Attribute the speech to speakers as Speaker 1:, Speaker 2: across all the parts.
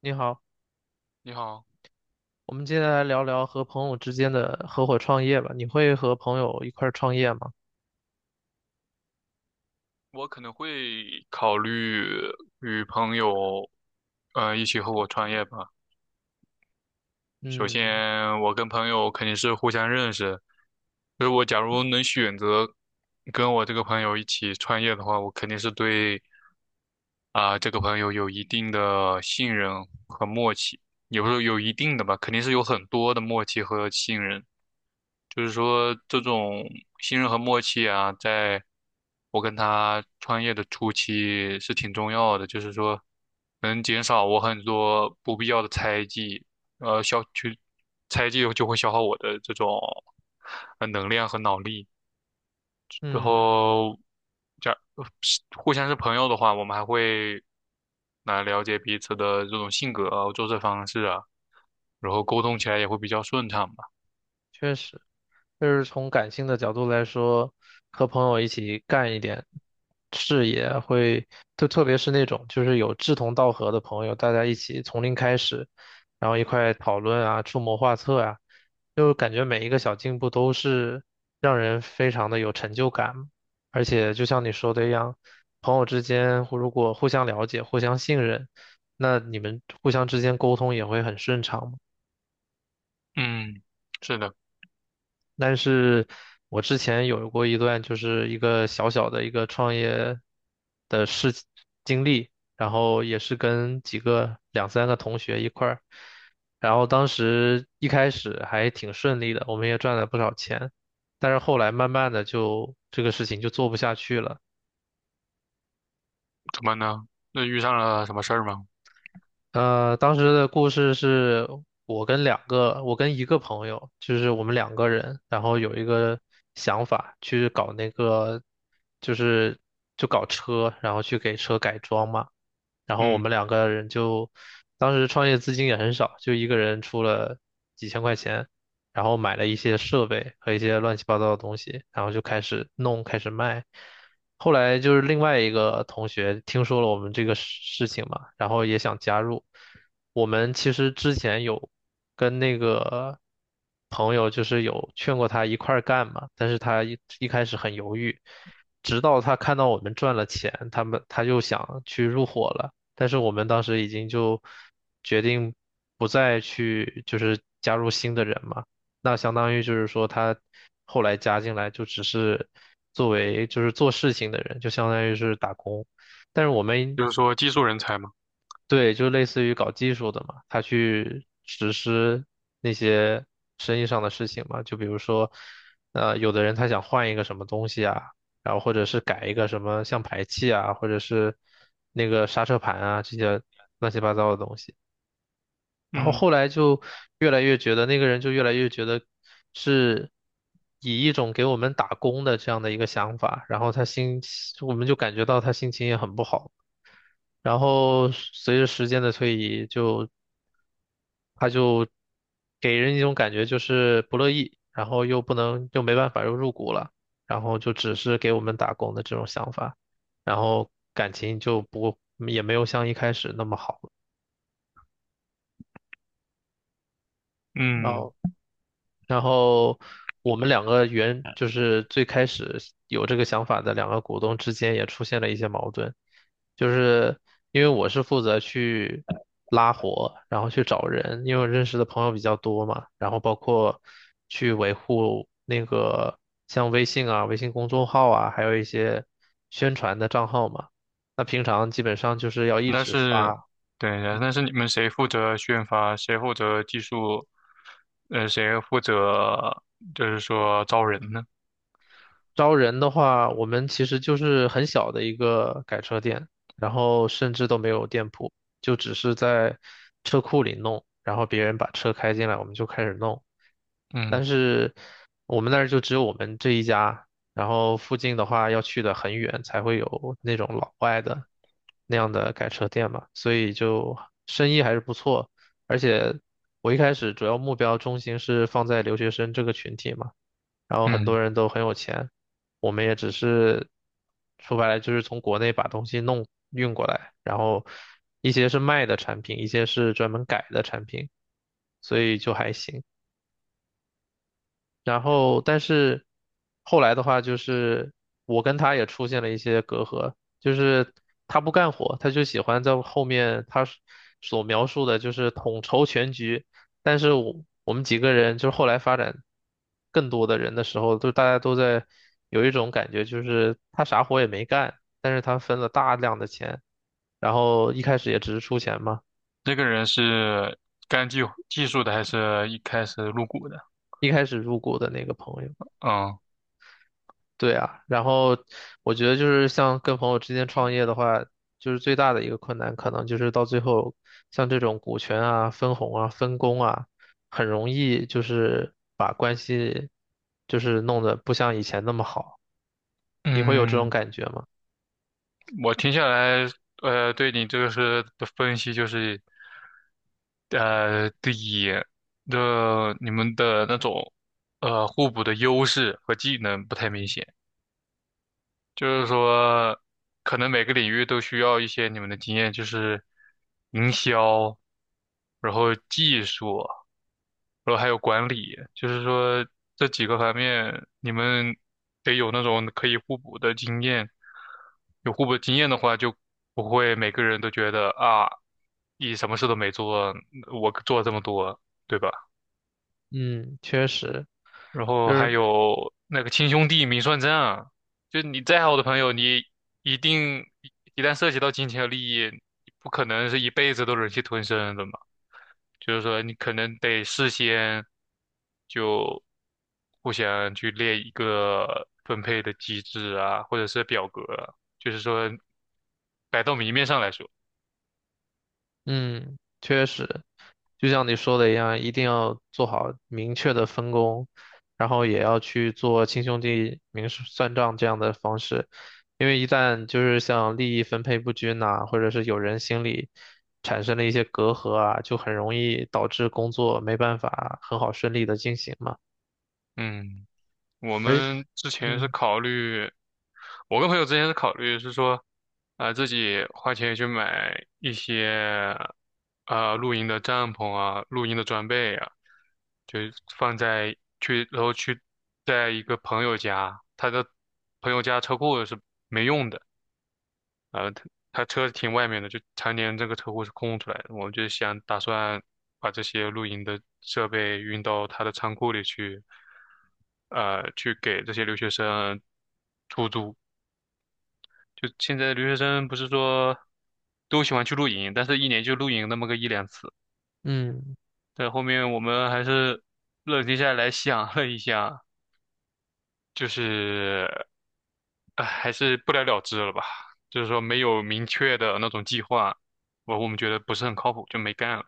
Speaker 1: 你好，
Speaker 2: 你好，
Speaker 1: 我们接下来聊聊和朋友之间的合伙创业吧。你会和朋友一块儿创业吗？
Speaker 2: 我可能会考虑与朋友，一起合伙创业吧。首
Speaker 1: 嗯
Speaker 2: 先，我跟朋友肯定是互相认识，所以我假如能选择跟我这个朋友一起创业的话，我肯定是对啊、这个朋友有一定的信任和默契，也不是有一定的吧，肯定是有很多的默契和信任。就是说这种信任和默契啊，在我跟他创业的初期是挺重要的，就是说能减少我很多不必要的猜忌，消去猜忌就会消耗我的这种能量和脑力，然
Speaker 1: 嗯，
Speaker 2: 后这样是互相是朋友的话，我们还会来了解彼此的这种性格啊、做事方式啊，然后沟通起来也会比较顺畅吧。
Speaker 1: 确实，就是从感性的角度来说，和朋友一起干一点，视野会，就特别是那种就是有志同道合的朋友，大家一起从零开始，然后一块讨论啊，出谋划策啊，就感觉每一个小进步都是让人非常的有成就感。而且就像你说的一样，朋友之间互如果互相了解、互相信任，那你们互相之间沟通也会很顺畅嘛。
Speaker 2: 嗯，是的。
Speaker 1: 但是我之前有过一段就是一个小小的一个创业的事情经历，然后也是跟几个两三个同学一块儿，然后当时一开始还挺顺利的，我们也赚了不少钱，但是后来慢慢的就这个事情就做不下去了。
Speaker 2: 怎么呢？那遇上了什么事儿吗？
Speaker 1: 当时的故事是我跟两个，我跟一个朋友，就是我们两个人，然后有一个想法去搞那个，就是就搞车，然后去给车改装嘛。然后我
Speaker 2: 嗯，
Speaker 1: 们两个人就当时创业资金也很少，就一个人出了几千块钱，然后买了一些设备和一些乱七八糟的东西，然后就开始弄，开始卖。后来就是另外一个同学听说了我们这个事情嘛，然后也想加入。我们其实之前有跟那个朋友就是有劝过他一块儿干嘛，但是他一开始很犹豫，直到他看到我们赚了钱，他们他就想去入伙了。但是我们当时已经就决定不再去，就是加入新的人嘛。那相当于就是说，他后来加进来就只是作为就是做事情的人，就相当于是打工。但是我们
Speaker 2: 就是说技术人才嘛。
Speaker 1: 对，就类似于搞技术的嘛，他去实施那些生意上的事情嘛，就比如说，有的人他想换一个什么东西啊，然后或者是改一个什么像排气啊，或者是那个刹车盘啊，这些乱七八糟的东西。然后
Speaker 2: 嗯
Speaker 1: 后来就越来越觉得那个人就越来越觉得是以一种给我们打工的这样的一个想法，然后他心，我们就感觉到他心情也很不好。然后随着时间的推移，就他就给人一种感觉就是不乐意，然后又不能又没办法又入股了，然后就只是给我们打工的这种想法，然后感情就不也没有像一开始那么好了，然
Speaker 2: 嗯，
Speaker 1: 后。然后我们两个原就是最开始有这个想法的两个股东之间也出现了一些矛盾，就是因为我是负责去拉活，然后去找人，因为我认识的朋友比较多嘛，然后包括去维护那个像微信啊、微信公众号啊，还有一些宣传的账号嘛。那平常基本上就是要一
Speaker 2: 那
Speaker 1: 直
Speaker 2: 是，
Speaker 1: 发。
Speaker 2: 对，那是你们谁负责宣发，谁负责技术，谁负责就是说招人呢？
Speaker 1: 招人的话，我们其实就是很小的一个改车店，然后甚至都没有店铺，就只是在车库里弄，然后别人把车开进来，我们就开始弄。但
Speaker 2: 嗯
Speaker 1: 是我们那儿就只有我们这一家，然后附近的话要去的很远才会有那种老外的那样的改车店嘛，所以就生意还是不错。而且我一开始主要目标中心是放在留学生这个群体嘛。然后很
Speaker 2: 嗯，
Speaker 1: 多人都很有钱，我们也只是说白了就是从国内把东西弄运过来，然后一些是卖的产品，一些是专门改的产品，所以就还行。然后，但是后来的话，就是我跟他也出现了一些隔阂，就是他不干活，他就喜欢在后面他所描述的，就是统筹全局。但是我们几个人，就是后来发展更多的人的时候，就大家都在有一种感觉，就是他啥活也没干，但是他分了大量的钱，然后一开始也只是出钱嘛，
Speaker 2: 那个人是干技术的，还是一开始入股的？
Speaker 1: 一开始入股的那个朋友。
Speaker 2: 嗯
Speaker 1: 对啊，然后我觉得就是像跟朋友之间创业的话，就是最大的一个困难，可能就是到最后，像这种股权啊、分红啊、分工啊，很容易就是把关系就是弄得不像以前那么好。你会有这种
Speaker 2: 嗯。
Speaker 1: 感觉吗？
Speaker 2: 我听下来，对你这个是的分析就是，第一，的你们的那种互补的优势和技能不太明显。就是
Speaker 1: 嗯，
Speaker 2: 说，可能每个领域都需要一些你们的经验，就是营销，然后技术，然后还有管理，就是说这几个方面，你们得有那种可以互补的经验。有互补的经验的话，就不会每个人都觉得啊，你什么事都没做，我做这么多，对吧？
Speaker 1: 嗯确实，
Speaker 2: 然后
Speaker 1: 就
Speaker 2: 还
Speaker 1: 是
Speaker 2: 有那个亲兄弟明算账啊，就你再好的朋友，你一定一旦涉及到金钱和利益，不可能是一辈子都忍气吞声的嘛。就是说，你可能得事先就互相去列一个分配的机制啊，或者是表格啊就是说摆到明面上来说，
Speaker 1: 嗯，确实，就像你说的一样，一定要做好明确的分工，然后也要去做亲兄弟明示算账这样的方式，因为一旦就是像利益分配不均呐、或者是有人心里产生了一些隔阂啊，就很容易导致工作没办法很好顺利的进行嘛。
Speaker 2: 嗯。我
Speaker 1: 而
Speaker 2: 们之前是
Speaker 1: 嗯
Speaker 2: 考虑，我跟朋友之前是考虑是说，啊、自己花钱去买一些，啊露营的帐篷啊，露营的装备啊，就放在去，然后去在一个朋友家，他的朋友家车库是没用的。呃，他他车停外面的，就常年这个车库是空出来的。我就想打算把这些露营的设备运到他的仓库里去，去给这些留学生出租。就现在留学生不是说都喜欢去露营，但是一年就露营那么个一两次。
Speaker 1: 嗯，
Speaker 2: 但后面我们还是冷静下来想了一下，就是，哎，还是不了了之了吧。就是说没有明确的那种计划，我们觉得不是很靠谱，就没干了。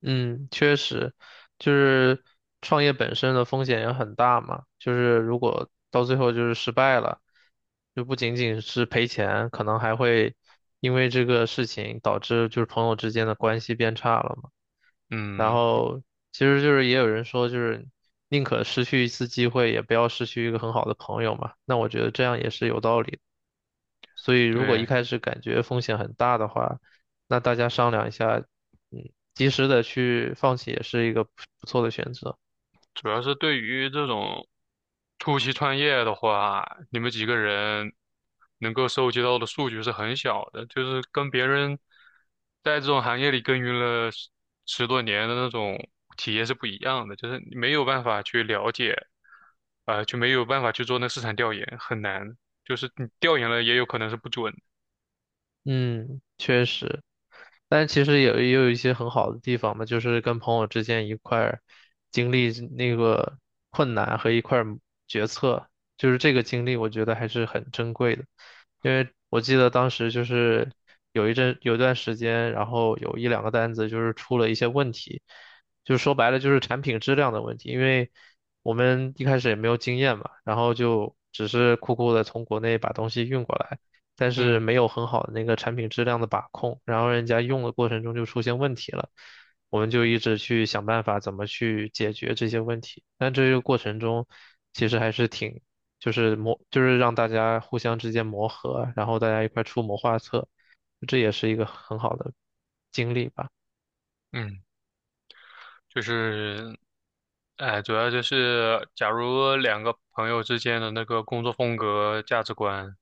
Speaker 1: 嗯，确实，就是创业本身的风险也很大嘛。就是如果到最后就是失败了，就不仅仅是赔钱，可能还会因为这个事情导致就是朋友之间的关系变差了嘛。然
Speaker 2: 嗯，
Speaker 1: 后其实就是也有人说，就是宁可失去一次机会，也不要失去一个很好的朋友嘛。那我觉得这样也是有道理的。所以如果一
Speaker 2: 对，
Speaker 1: 开始感觉风险很大的话，那大家商量一下，嗯，及时的去放弃也是一个不错的选择。
Speaker 2: 主要是对于这种初期创业的话，你们几个人能够收集到的数据是很小的，就是跟别人在这种行业里耕耘了十多年的那种体验是不一样的，就是你没有办法去了解。就没有办法去做那市场调研，很难。就是你调研了，也有可能是不准。
Speaker 1: 嗯，确实。但其实也有一些很好的地方嘛，就是跟朋友之间一块儿经历那个困难和一块儿决策，就是这个经历，我觉得还是很珍贵的。因为我记得当时就是有一阵有一段时间，然后有一两个单子就是出了一些问题，就是说白了就是产品质量的问题，因为我们一开始也没有经验嘛，然后就只是酷酷的从国内把东西运过来。但是
Speaker 2: 嗯
Speaker 1: 没有很好的那个产品质量的把控，然后人家用的过程中就出现问题了，我们就一直去想办法怎么去解决这些问题。但这个过程中，其实还是挺，就是磨，就是让大家互相之间磨合，然后大家一块出谋划策，这也是一个很好的经历吧。
Speaker 2: 嗯，就是，哎，主要就是，假如两个朋友之间的那个工作风格、价值观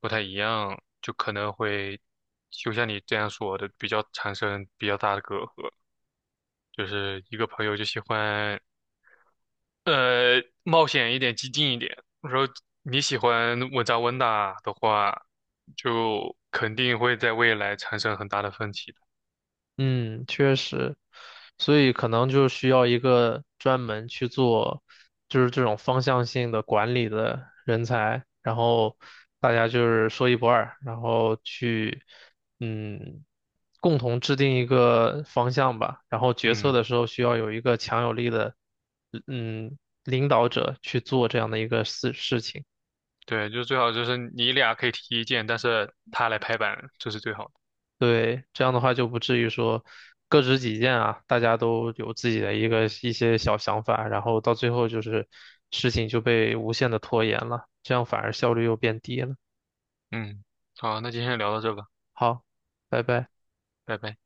Speaker 2: 不太一样，就可能会，就像你这样说的，比较产生比较大的隔阂。就是一个朋友就喜欢冒险一点，激进一点。我说你喜欢稳扎稳打的话，就肯定会在未来产生很大的分歧的。
Speaker 1: 嗯，确实，所以可能就需要一个专门去做，就是这种方向性的管理的人才，然后大家就是说一不二，然后去，嗯，共同制定一个方向吧，然后决策
Speaker 2: 嗯，
Speaker 1: 的时候需要有一个强有力的，嗯，领导者去做这样的一个事情。
Speaker 2: 对，就最好就是你俩可以提意见，但是他来拍板，这是最好的。
Speaker 1: 对，这样的话就不至于说各执己见啊，大家都有自己的一个一些小想法，然后到最后就是事情就被无限的拖延了，这样反而效率又变低了。
Speaker 2: 嗯，好，那今天聊到这吧，
Speaker 1: 好，拜拜。
Speaker 2: 拜拜。